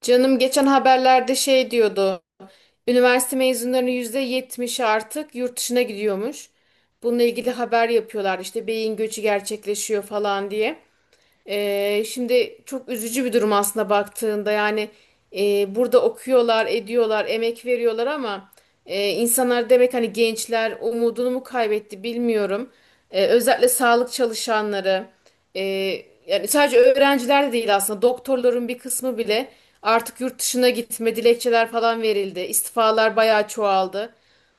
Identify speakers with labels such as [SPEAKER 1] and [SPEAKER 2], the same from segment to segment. [SPEAKER 1] Canım geçen haberlerde şey diyordu. Üniversite mezunlarının %70'i artık yurt dışına gidiyormuş. Bununla ilgili haber yapıyorlar işte beyin göçü gerçekleşiyor falan diye. Şimdi çok üzücü bir durum aslında baktığında, yani burada okuyorlar, ediyorlar, emek veriyorlar ama insanlar demek hani gençler umudunu mu kaybetti bilmiyorum. Özellikle sağlık çalışanları. Ee, Yani sadece öğrenciler de değil, aslında doktorların bir kısmı bile artık yurt dışına gitme dilekçeler falan verildi. İstifalar bayağı çoğaldı.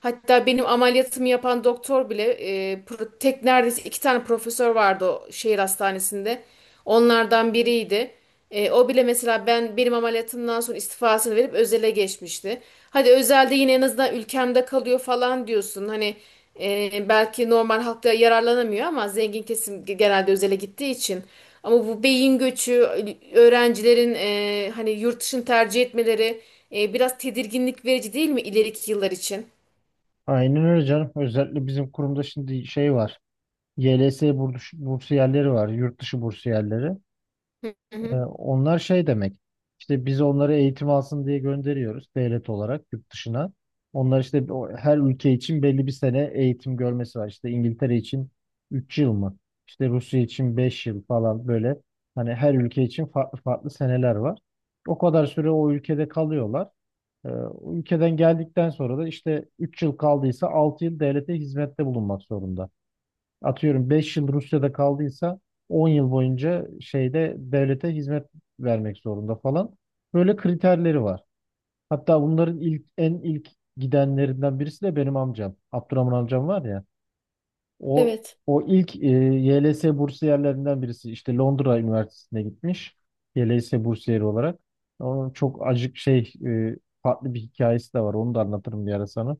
[SPEAKER 1] Hatta benim ameliyatımı yapan doktor bile tek, neredeyse iki tane profesör vardı o şehir hastanesinde. Onlardan biriydi. O bile mesela benim ameliyatımdan sonra istifasını verip özele geçmişti. Hadi özelde yine en azından ülkemde kalıyor falan diyorsun. Hani belki normal halkta yararlanamıyor ama zengin kesim genelde özele gittiği için. Ama bu beyin göçü, öğrencilerin hani yurt dışını tercih etmeleri biraz tedirginlik verici değil mi ileriki yıllar için?
[SPEAKER 2] Aynen öyle canım. Özellikle bizim kurumda şimdi şey var. YLS bursiyerleri var. Yurt dışı bursiyerleri.
[SPEAKER 1] Hı
[SPEAKER 2] Ee,
[SPEAKER 1] hı.
[SPEAKER 2] onlar şey demek. İşte biz onları eğitim alsın diye gönderiyoruz devlet olarak yurt dışına. Onlar işte her ülke için belli bir sene eğitim görmesi var. İşte İngiltere için 3 yıl mı? İşte Rusya için 5 yıl falan böyle. Hani her ülke için farklı farklı seneler var. O kadar süre o ülkede kalıyorlar. Ee, ülkeden geldikten sonra da işte 3 yıl kaldıysa 6 yıl devlete hizmette bulunmak zorunda. Atıyorum 5 yıl Rusya'da kaldıysa 10 yıl boyunca şeyde devlete hizmet vermek zorunda falan. Böyle kriterleri var. Hatta bunların ilk gidenlerinden birisi de benim amcam. Abdurrahman amcam var ya. O
[SPEAKER 1] Evet.
[SPEAKER 2] o ilk YLS bursiyerlerinden birisi işte Londra Üniversitesi'ne gitmiş. YLS bursiyeri olarak. Onun çok acık şey farklı bir hikayesi de var. Onu da anlatırım bir ara sana.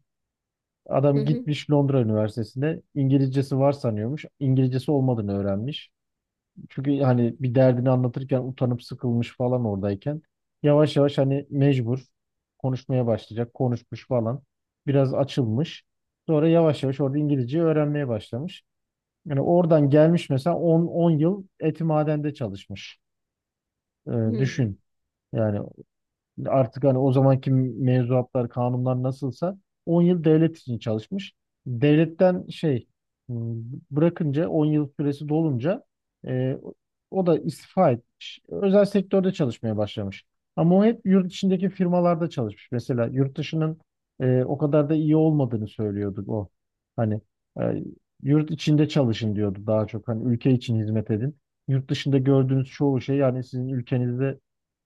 [SPEAKER 1] Hı
[SPEAKER 2] Adam
[SPEAKER 1] hı.
[SPEAKER 2] gitmiş Londra Üniversitesi'ne. İngilizcesi var sanıyormuş. İngilizcesi olmadığını öğrenmiş. Çünkü hani bir derdini anlatırken utanıp sıkılmış falan oradayken. Yavaş yavaş hani mecbur konuşmaya başlayacak. Konuşmuş falan. Biraz açılmış. Sonra yavaş yavaş orada İngilizceyi öğrenmeye başlamış. Yani oradan gelmiş mesela 10 yıl etimadende çalışmış. Ee,
[SPEAKER 1] Hı.
[SPEAKER 2] düşün. Yani artık hani o zamanki mevzuatlar, kanunlar nasılsa 10 yıl devlet için çalışmış. Devletten şey hmm, bırakınca 10 yıl süresi dolunca e, o da istifa etmiş. Özel sektörde çalışmaya başlamış. Ama o hep yurt içindeki firmalarda çalışmış. Mesela yurt dışının o kadar da iyi olmadığını söylüyordu o. Hani e, yurt içinde çalışın diyordu daha çok. Hani ülke için hizmet edin. Yurt dışında gördüğünüz çoğu şey yani sizin ülkenizde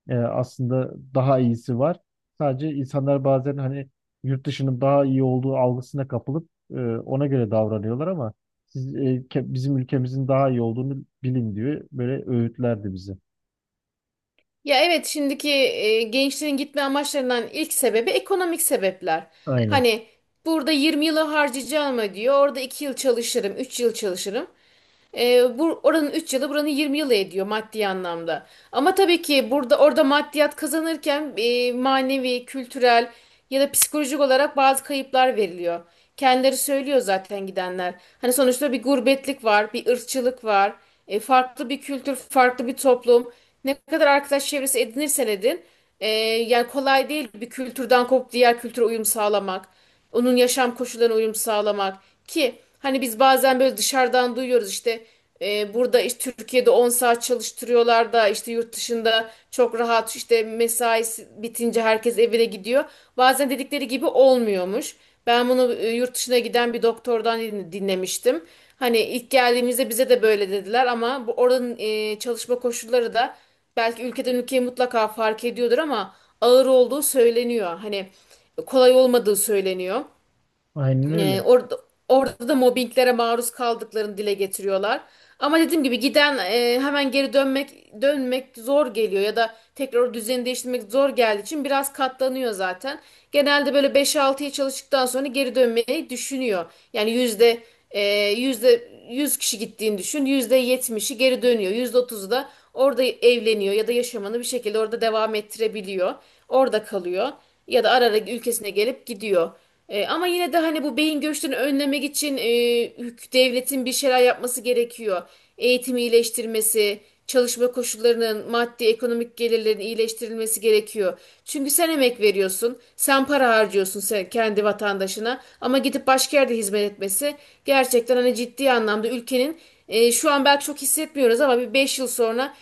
[SPEAKER 2] aslında daha iyisi var. Sadece insanlar bazen hani yurt dışının daha iyi olduğu algısına kapılıp ona göre davranıyorlar ama siz bizim ülkemizin daha iyi olduğunu bilin diyor. Böyle öğütlerdi bize.
[SPEAKER 1] Ya evet, şimdiki gençlerin gitme amaçlarından ilk sebebi ekonomik sebepler.
[SPEAKER 2] Aynen.
[SPEAKER 1] Hani burada 20 yıl yılı harcayacağım diyor. Orada 2 yıl çalışırım, 3 yıl çalışırım. Bu oranın 3 yıl yılı buranın 20 yılı ediyor maddi anlamda. Ama tabii ki burada orada maddiyat kazanırken manevi, kültürel ya da psikolojik olarak bazı kayıplar veriliyor. Kendileri söylüyor zaten gidenler. Hani sonuçta bir gurbetlik var, bir ırkçılık var, farklı bir kültür, farklı bir toplum. Ne kadar arkadaş çevresi edinirsen edin, yani kolay değil bir kültürden kopup diğer kültüre uyum sağlamak. Onun yaşam koşullarına uyum sağlamak ki hani biz bazen böyle dışarıdan duyuyoruz işte burada işte Türkiye'de 10 saat çalıştırıyorlar da işte yurt dışında çok rahat işte mesaisi bitince herkes evine gidiyor. Bazen dedikleri gibi olmuyormuş. Ben bunu yurt dışına giden bir doktordan dinlemiştim. Hani ilk geldiğimizde bize de böyle dediler ama bu oranın çalışma koşulları da belki ülkeden ülkeye mutlaka fark ediyordur ama ağır olduğu söyleniyor. Hani kolay olmadığı söyleniyor.
[SPEAKER 2] Aynen
[SPEAKER 1] E,
[SPEAKER 2] öyle.
[SPEAKER 1] orada, Orada da mobbinglere maruz kaldıklarını dile getiriyorlar. Ama dediğim gibi giden hemen geri dönmek zor geliyor ya da tekrar o düzeni değiştirmek zor geldiği için biraz katlanıyor zaten. Genelde böyle beş altıya çalıştıktan sonra geri dönmeyi düşünüyor. Yani e, yüzde 100 kişi gittiğini düşün. Yüzde yetmişi geri dönüyor. Yüzde 30'u da orada evleniyor ya da yaşamını bir şekilde orada devam ettirebiliyor. Orada kalıyor ya da ara ara ülkesine gelip gidiyor. Ama yine de hani bu beyin göçlerini önlemek için devletin bir şeyler yapması gerekiyor. Eğitimi iyileştirmesi, çalışma koşullarının, maddi ekonomik gelirlerin iyileştirilmesi gerekiyor. Çünkü sen emek veriyorsun, sen para harcıyorsun, sen kendi vatandaşına ama gidip başka yerde hizmet etmesi gerçekten hani ciddi anlamda ülkenin şu an belki çok hissetmiyoruz ama bir 5 yıl sonra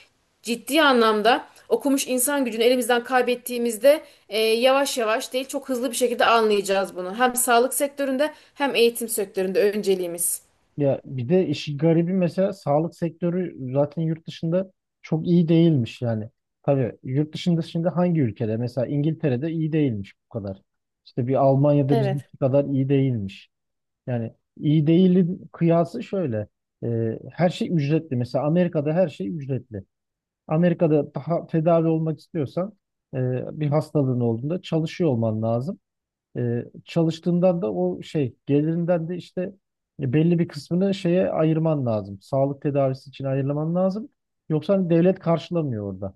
[SPEAKER 1] ciddi anlamda okumuş insan gücünü elimizden kaybettiğimizde yavaş yavaş değil çok hızlı bir şekilde anlayacağız bunu. Hem sağlık sektöründe hem eğitim sektöründe önceliğimiz.
[SPEAKER 2] Ya bir de işi garibi mesela sağlık sektörü zaten yurt dışında çok iyi değilmiş yani. Tabii yurt dışında şimdi hangi ülkede? Mesela İngiltere'de iyi değilmiş bu kadar. İşte bir Almanya'da
[SPEAKER 1] Evet.
[SPEAKER 2] bizimki kadar iyi değilmiş. Yani iyi değilin kıyası şöyle. Her şey ücretli. Mesela Amerika'da her şey ücretli. Amerika'da daha tedavi olmak istiyorsan e, bir hastalığın olduğunda çalışıyor olman lazım. Çalıştığından da o şey gelirinden de işte belli bir kısmını şeye ayırman lazım. Sağlık tedavisi için ayırman lazım. Yoksa hani devlet karşılamıyor orada.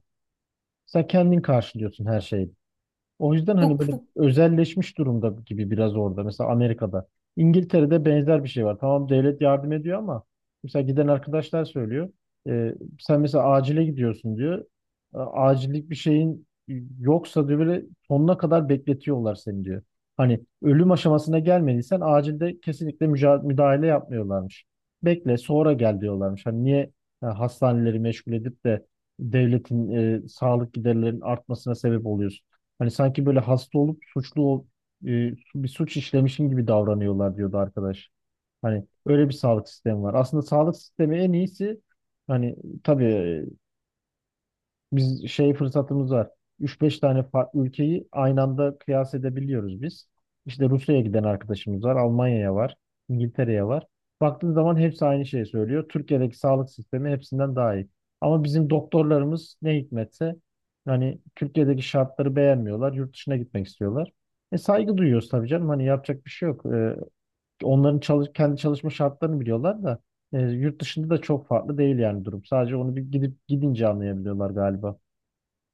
[SPEAKER 2] Sen kendin karşılıyorsun her şeyi. O yüzden hani
[SPEAKER 1] Bu,
[SPEAKER 2] böyle
[SPEAKER 1] bu
[SPEAKER 2] özelleşmiş durumda gibi biraz orada. Mesela Amerika'da. İngiltere'de benzer bir şey var. Tamam devlet yardım ediyor ama mesela giden arkadaşlar söylüyor. E, sen mesela acile gidiyorsun diyor. Acillik bir şeyin yoksa diyor böyle sonuna kadar bekletiyorlar seni diyor. Hani ölüm aşamasına gelmediysen acilde kesinlikle müdahale yapmıyorlarmış. Bekle sonra gel diyorlarmış. Hani niye hastaneleri meşgul edip de devletin sağlık giderlerinin artmasına sebep oluyorsun? Hani sanki böyle hasta olup suçlu e, bir suç işlemişim gibi davranıyorlar diyordu arkadaş. Hani öyle bir sağlık sistemi var. Aslında sağlık sistemi en iyisi hani tabii biz şey fırsatımız var. Üç beş tane farklı ülkeyi aynı anda kıyas edebiliyoruz biz. İşte Rusya'ya giden arkadaşımız var, Almanya'ya var, İngiltere'ye var. Baktığın zaman hepsi aynı şeyi söylüyor. Türkiye'deki sağlık sistemi hepsinden daha iyi. Ama bizim doktorlarımız ne hikmetse hani Türkiye'deki şartları beğenmiyorlar, yurt dışına gitmek istiyorlar. Saygı duyuyoruz tabii canım. Hani yapacak bir şey yok. Onların kendi çalışma şartlarını biliyorlar da yurt dışında da çok farklı değil yani durum. Sadece onu bir gidip gidince anlayabiliyorlar galiba.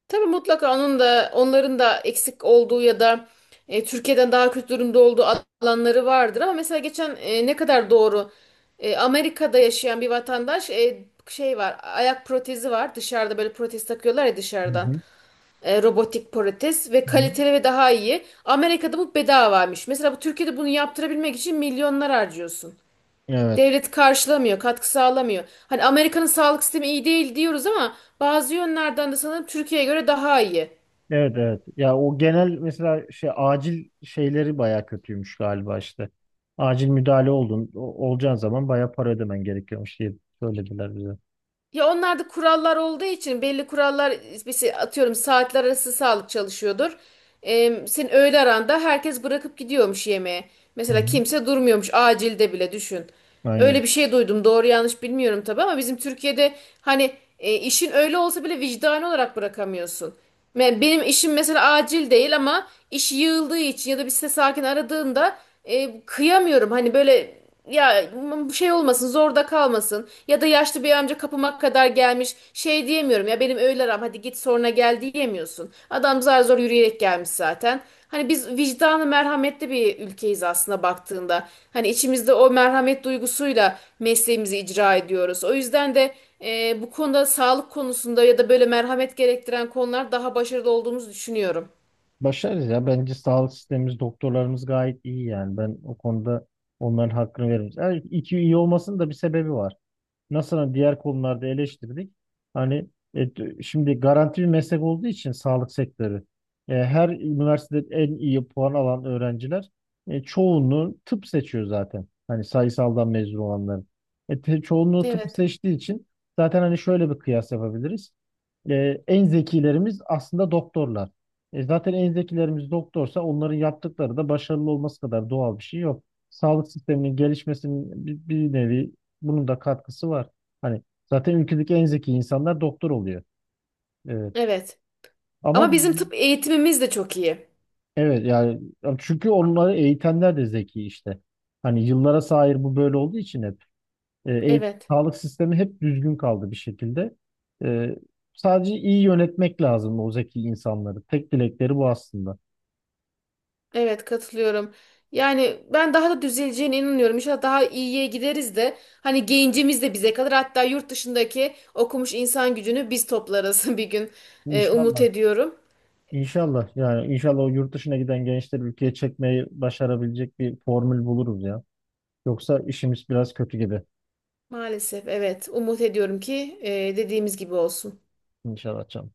[SPEAKER 1] tabii mutlaka onun da onların da eksik olduğu ya da Türkiye'den daha kötü durumda olduğu alanları vardır ama mesela geçen ne kadar doğru Amerika'da yaşayan bir vatandaş, şey var, ayak protezi var dışarıda, böyle protez takıyorlar ya
[SPEAKER 2] Hı
[SPEAKER 1] dışarıdan.
[SPEAKER 2] hı,
[SPEAKER 1] Robotik protez ve
[SPEAKER 2] hı hı.
[SPEAKER 1] kaliteli ve daha iyi. Amerika'da bu bedavaymış. Mesela bu Türkiye'de bunu yaptırabilmek için milyonlar harcıyorsun.
[SPEAKER 2] Evet.
[SPEAKER 1] Devlet karşılamıyor, katkı sağlamıyor. Hani Amerika'nın sağlık sistemi iyi değil diyoruz ama bazı yönlerden de sanırım Türkiye'ye göre daha iyi.
[SPEAKER 2] Evet, evet. Ya o genel mesela şey acil şeyleri baya kötüymüş galiba işte. Acil müdahale oldun olacağın zaman baya para ödemen gerekiyormuş diye söylediler bize.
[SPEAKER 1] Ya onlarda kurallar olduğu için, belli kurallar mesela, atıyorum saatler arası sağlık çalışıyordur. Senin öğle aranda herkes bırakıp gidiyormuş yemeğe.
[SPEAKER 2] Hı
[SPEAKER 1] Mesela
[SPEAKER 2] hı.
[SPEAKER 1] kimse durmuyormuş acilde bile, düşün.
[SPEAKER 2] Aynen.
[SPEAKER 1] Öyle bir şey duydum, doğru yanlış bilmiyorum tabii, ama bizim Türkiye'de hani işin öyle olsa bile vicdani olarak bırakamıyorsun. Benim işim mesela acil değil ama iş yığıldığı için ya da bir ses sakin aradığında kıyamıyorum. Hani böyle ya bu şey olmasın, zorda kalmasın ya da yaşlı bir amca kapıma kadar gelmiş, şey diyemiyorum ya, benim öğle aram hadi git sonra gel diyemiyorsun. Adam zar zor yürüyerek gelmiş zaten. Hani biz vicdanı merhametli bir ülkeyiz aslında baktığında. Hani içimizde o merhamet duygusuyla mesleğimizi icra ediyoruz. O yüzden de bu konuda, sağlık konusunda ya da böyle merhamet gerektiren konular daha başarılı olduğumuzu düşünüyorum.
[SPEAKER 2] Başarız ya. Bence sağlık sistemimiz, doktorlarımız gayet iyi yani. Ben o konuda onların hakkını veririm. Yani iki iyi olmasının da bir sebebi var. Nasıl hani diğer konularda eleştirdik. Hani şimdi garanti bir meslek olduğu için sağlık sektörü her üniversitede en iyi puan alan öğrenciler çoğunluğu tıp seçiyor zaten. Hani sayısaldan mezun olanların. Çoğunluğu tıp
[SPEAKER 1] Evet.
[SPEAKER 2] seçtiği için zaten hani şöyle bir kıyas yapabiliriz. E, en zekilerimiz aslında doktorlar. Zaten en zekilerimiz doktorsa onların yaptıkları da başarılı olması kadar doğal bir şey yok. Sağlık sisteminin gelişmesinin bir nevi bunun da katkısı var. Hani zaten ülkedeki en zeki insanlar doktor oluyor. Evet.
[SPEAKER 1] Evet.
[SPEAKER 2] Ama
[SPEAKER 1] Ama bizim tıp eğitimimiz de çok iyi.
[SPEAKER 2] evet yani çünkü onları eğitenler de zeki işte. Hani yıllara sahir bu böyle olduğu için hep
[SPEAKER 1] Evet.
[SPEAKER 2] sağlık sistemi hep düzgün kaldı bir şekilde. E, sadece iyi yönetmek lazım o zeki insanları. Tek dilekleri bu aslında.
[SPEAKER 1] Evet, katılıyorum. Yani ben daha da düzeleceğine inanıyorum. İnşallah daha iyiye gideriz de hani gencimiz de bize kalır. Hatta yurt dışındaki okumuş insan gücünü biz toplarız bir gün. Umut
[SPEAKER 2] İnşallah.
[SPEAKER 1] ediyorum.
[SPEAKER 2] İnşallah yani inşallah o yurt dışına giden gençleri ülkeye çekmeyi başarabilecek bir formül buluruz ya. Yoksa işimiz biraz kötü gibi.
[SPEAKER 1] Maalesef evet, umut ediyorum ki dediğimiz gibi olsun.
[SPEAKER 2] İnşallah canım.